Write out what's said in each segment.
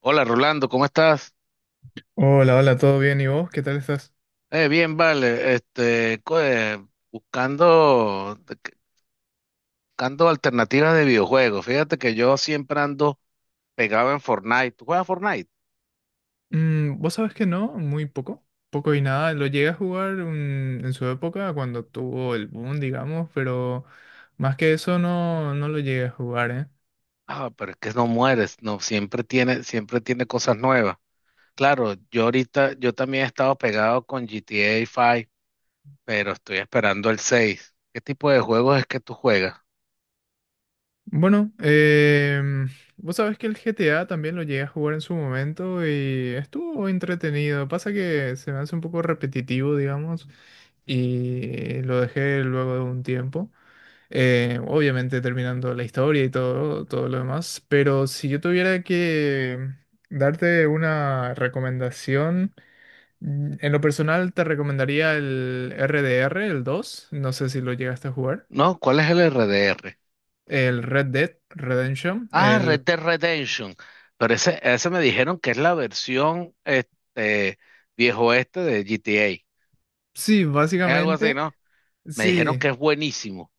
Hola Rolando, ¿cómo estás? Hola, hola, ¿todo bien? ¿Y vos? ¿Qué tal estás? Bien, vale. Buscando, buscando alternativas de videojuegos. Fíjate que yo siempre ando pegado en Fortnite. ¿Tú juegas Fortnite? Vos sabés que no, muy poco, poco y nada. Lo llegué a jugar en su época cuando tuvo el boom, digamos, pero más que eso no lo llegué a jugar, ¿eh? Ah, pero es que no mueres, no, siempre tiene cosas nuevas. Claro, yo ahorita, yo también he estado pegado con GTA 5, pero estoy esperando el 6. ¿Qué tipo de juegos es que tú juegas? Bueno, vos sabés que el GTA también lo llegué a jugar en su momento y estuvo entretenido. Pasa que se me hace un poco repetitivo, digamos, y lo dejé luego de un tiempo. Obviamente terminando la historia y todo, todo lo demás, pero si yo tuviera que darte una recomendación, en lo personal te recomendaría el RDR, el dos. No sé si lo llegaste a jugar, No, ¿cuál es el RDR? el Red Dead Redemption, Ah, el... Red Dead Redemption. Pero ese me dijeron que es la versión este, viejo este de GTA. Sí, Es algo así, básicamente. ¿no? Me dijeron Sí, que es buenísimo.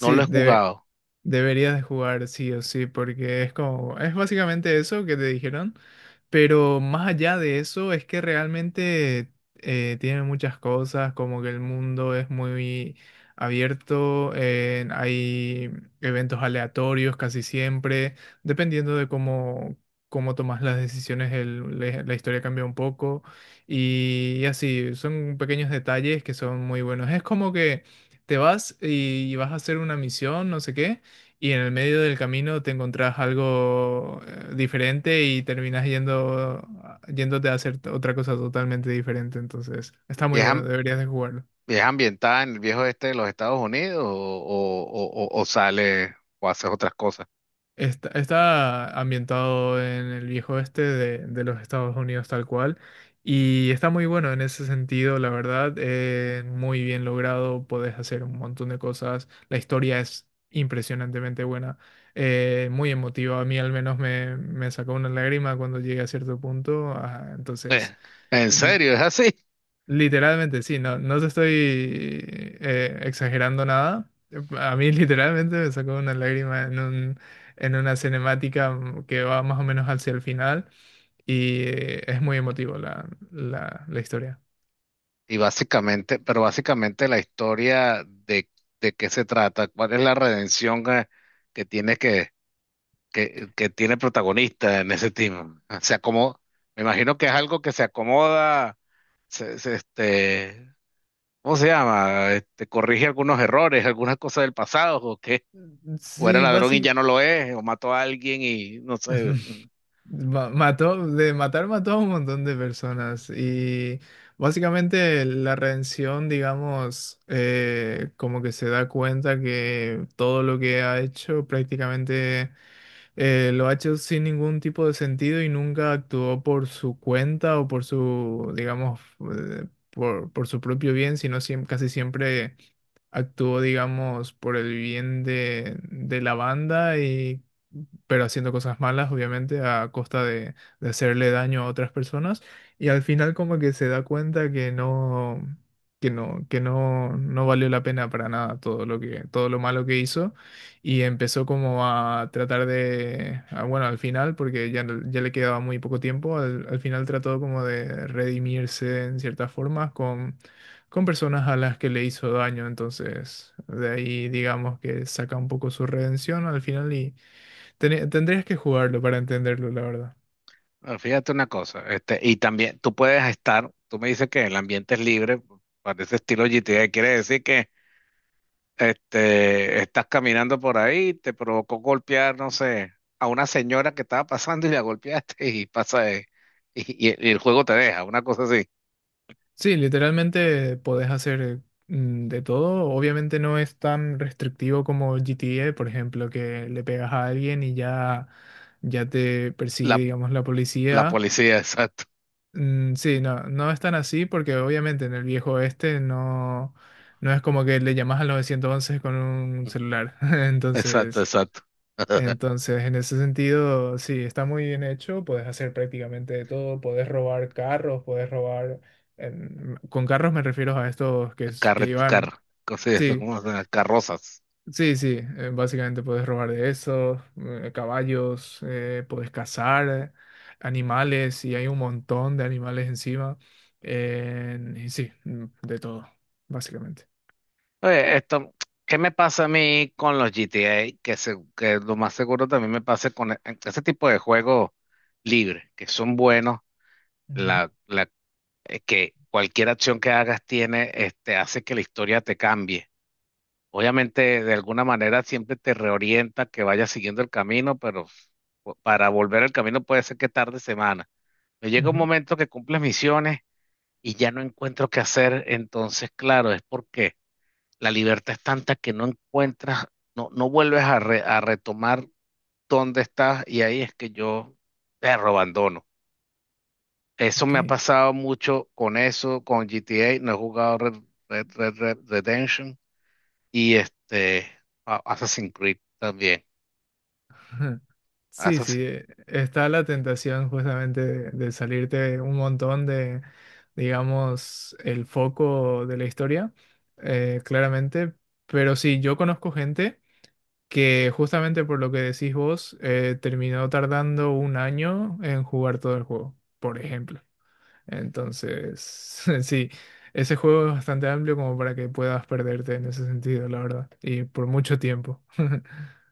No lo he jugado. deberías de jugar sí o sí, porque es como, es básicamente eso que te dijeron, pero más allá de eso es que realmente tiene muchas cosas, como que el mundo es muy abierto, hay eventos aleatorios casi siempre, dependiendo de cómo tomas las decisiones, la historia cambia un poco y así, son pequeños detalles que son muy buenos. Es como que te vas y vas a hacer una misión, no sé qué, y en el medio del camino te encontrás algo diferente y yéndote a hacer otra cosa totalmente diferente. Entonces, está ¿Y muy es, bueno, deberías de jugarlo. y es ambientada en el viejo este de los Estados Unidos o, o sale o hace otras cosas? Está ambientado en el viejo oeste de los Estados Unidos tal cual, y está muy bueno en ese sentido, la verdad, muy bien logrado, podés hacer un montón de cosas, la historia es impresionantemente buena, muy emotiva. A mí al menos me sacó una lágrima cuando llegué a cierto punto. Eh, Entonces... en serio, ¿es así? Literalmente, sí, no te estoy exagerando nada. A mí literalmente me sacó una lágrima en una cinemática que va más o menos hacia el final, y es muy emotivo la historia. Y básicamente, pero básicamente la historia de qué se trata, cuál es la redención que tiene que que tiene protagonista en ese team. Se acomoda, me imagino que es algo que se acomoda, se, se, este, ¿cómo se llama? Este, corrige algunos errores, algunas cosas del pasado, o qué, o era Sí, ladrón y ya básicamente... no lo es, o mató a alguien y no sé. Mató, de matar mató a un montón de personas, y básicamente la redención, digamos, como que se da cuenta que todo lo que ha hecho prácticamente lo ha hecho sin ningún tipo de sentido y nunca actuó por su cuenta o por su, digamos, por su propio bien, sino casi siempre actuó, digamos, por el bien de la banda y pero haciendo cosas malas, obviamente, a costa de hacerle daño a otras personas. Y al final como que se da cuenta que no valió la pena para nada todo todo lo malo que hizo. Y empezó como a tratar de, bueno, al final, porque ya, ya le quedaba muy poco tiempo. Al final trató como de redimirse en ciertas formas con personas a las que le hizo daño. Entonces de ahí digamos que saca un poco su redención al final, y tendrías que jugarlo para entenderlo, la verdad. Ah, fíjate una cosa, este, y también tú puedes estar, tú me dices que el ambiente es libre, para ese estilo GTA, quiere decir que este, estás caminando por ahí, te provocó golpear, no sé, a una señora que estaba pasando y la golpeaste y pasa, y, y el juego te deja, una cosa así. Sí, literalmente podés hacer de todo, obviamente no es tan restrictivo como GTA, por ejemplo, que le pegas a alguien y ya te persigue, La, digamos, la la policía. policía, exacto. Sí, no es tan así porque obviamente en el viejo este no es como que le llamas al 911 con un celular. Exacto, Entonces, exacto. En ese sentido, sí, está muy bien hecho. Puedes hacer prácticamente de todo, puedes robar carros, puedes robar, con carros me refiero a estos que, que llevan. Cosas de eso, Sí, ¿cómo se llama? Carrozas. sí, sí, básicamente puedes robar de esos, caballos, puedes cazar animales, y hay un montón de animales encima. Y sí, de todo, básicamente. Oye, esto, ¿qué me pasa a mí con los GTA? Que, que lo más seguro también me pase con ese tipo de juegos libres, que son buenos, Ujú, la que cualquier acción que hagas tiene, este, hace que la historia te cambie. Obviamente, de alguna manera siempre te reorienta que vayas siguiendo el camino, pero para volver al camino puede ser que tarde semanas. Me llega un ujú, momento que cumples misiones y ya no encuentro qué hacer, entonces, claro, es porque la libertad es tanta que no encuentras, no, no vuelves a, a retomar dónde estás y ahí es que yo te abandono. Eso ok. me ha pasado mucho con eso, con GTA. No he jugado Red Redemption y este Assassin's Creed también. Sí, sí, Assassin- está la tentación justamente de salirte un montón de, digamos, el foco de la historia, claramente. Pero sí, yo conozco gente que justamente por lo que decís vos, terminó tardando un año en jugar todo el juego, por ejemplo. Entonces, sí, ese juego es bastante amplio como para que puedas perderte en ese sentido, la verdad, y por mucho tiempo.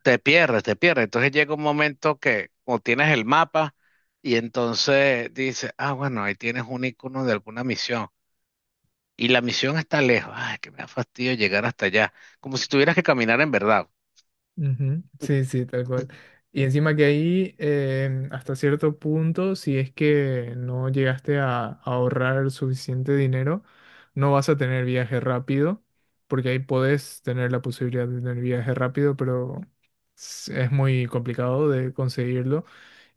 Te pierdes, te pierdes. Entonces llega un momento que o tienes el mapa y entonces dices, ah, bueno, ahí tienes un icono de alguna misión. Y la misión está lejos. Ay, que me da fastidio llegar hasta allá. Como si tuvieras que caminar en verdad. Ujú. Sí, sí, tal cual. Y encima que ahí, hasta cierto punto, si es que no llegaste a ahorrar el suficiente dinero, no vas a tener viaje rápido, porque ahí podés tener la posibilidad de tener viaje rápido, pero es muy complicado de conseguirlo.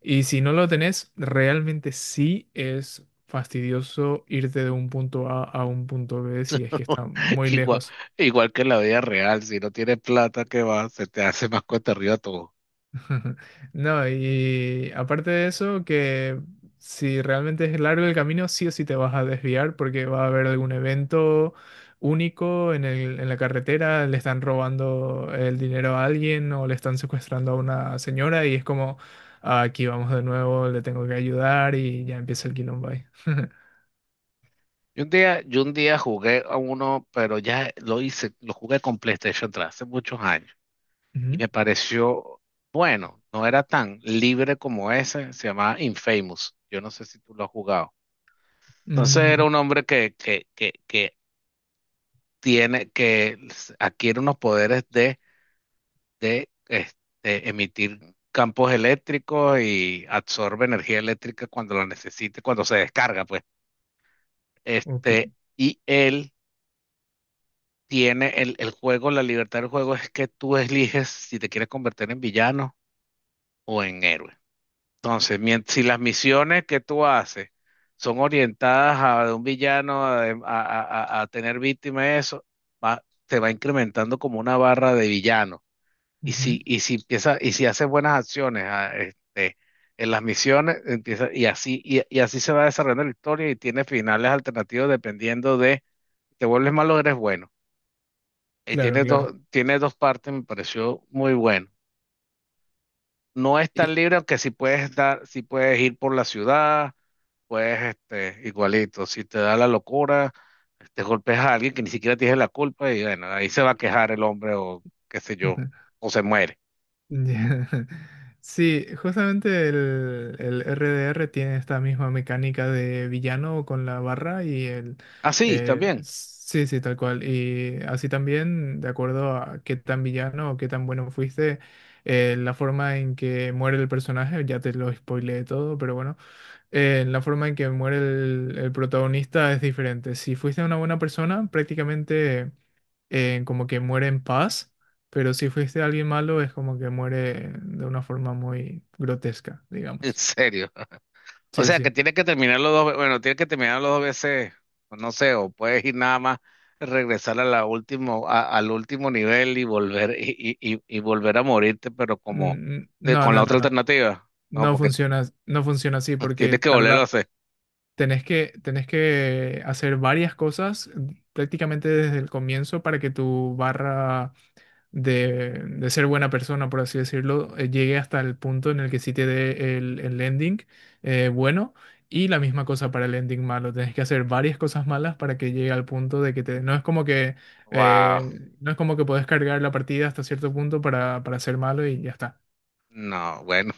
Y si no lo tenés, realmente sí es fastidioso irte de un punto A a un punto B si es que está muy Igual, lejos. igual que en la vida real. Si no tienes plata, ¿qué va? Se te hace más cuesta arriba todo. No, y aparte de eso, que si realmente es largo el camino, sí o sí te vas a desviar porque va a haber algún evento único en la carretera, le están robando el dinero a alguien o le están secuestrando a una señora, y es como: "Ah, aquí vamos de nuevo, le tengo que ayudar y ya empieza el quilombo ahí". Yo un día jugué a uno, pero ya lo hice, lo jugué con PlayStation 3 hace muchos años y Ujú. me pareció bueno, no era tan libre como ese, se llamaba Infamous. Yo no sé si tú lo has jugado. Entonces Mm, era un hombre que tiene, que adquiere unos poderes de este, emitir campos eléctricos y absorbe energía eléctrica cuando la necesite, cuando se descarga, pues. ok. Este, y él tiene el juego, la libertad del juego es que tú eliges si te quieres convertir en villano o en héroe. Entonces, si las misiones que tú haces son orientadas a de un villano, a, a tener víctimas, eso, va, te va incrementando como una barra de villano. Ujú. Y si haces buenas acciones ah, este, en las misiones, empieza, y así, y así se va desarrollando la historia y tiene finales alternativos dependiendo de te vuelves malo o eres bueno. Claro, claro. Tiene dos partes, me pareció muy bueno. No es tan Y- libre, aunque si puedes estar, si puedes ir por la ciudad, puedes, este, igualito. Si te da la locura, te golpes a alguien que ni siquiera tiene la culpa y bueno, ahí se va a quejar el hombre o qué sé yo, o se muere. Ya. Sí, justamente el RDR tiene esta misma mecánica de villano con la barra y el... Así también, Sí, sí, tal cual. Y así también, de acuerdo a qué tan villano o qué tan bueno fuiste, la forma en que muere el personaje, ya te lo spoileé todo, pero bueno, la forma en que muere el protagonista es diferente. Si fuiste una buena persona, prácticamente como que muere en paz, pero si fuiste alguien malo es como que muere de una forma muy grotesca, en digamos. serio. O Sí, sea, que sí. tienes que terminarlo dos, bueno, tienes que terminarlo dos veces, o no sé, o puedes ir nada más, regresar a la último, al último nivel y volver, y volver a morirte, pero como Mm, no, con la no, no, otra no. alternativa. No, No porque funciona, no funciona así porque tienes que volverlo a tarda. hacer. Tenés que hacer varias cosas, prácticamente desde el comienzo para que tu barra de ser buena persona, por así decirlo, llegue hasta el punto en el que sí te dé el ending bueno, y la misma cosa para el ending malo. Tienes que hacer varias cosas malas para que llegue al punto de que te... No es como que, Wow. No es como que puedes cargar la partida hasta cierto punto para ser malo y ya está. No, bueno,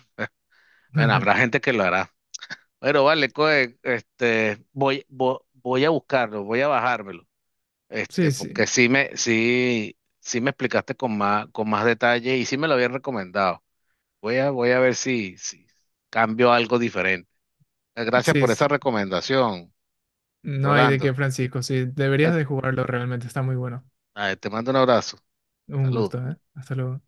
bueno, habrá gente que lo hará. Pero vale, coe, este, voy, voy a buscarlo, voy a bajármelo. Este, Sí, sí, porque sí me, sí, sí me explicaste con más detalle y sí me lo habían recomendado. Voy a, voy a ver si, si cambio algo diferente. Gracias sí, por esa sí. recomendación, No hay de qué, Rolando. Francisco. Sí, Eh, deberías de jugarlo realmente, está muy bueno. Te mando un abrazo. Un Salud. gusto, ¿eh? Hasta luego.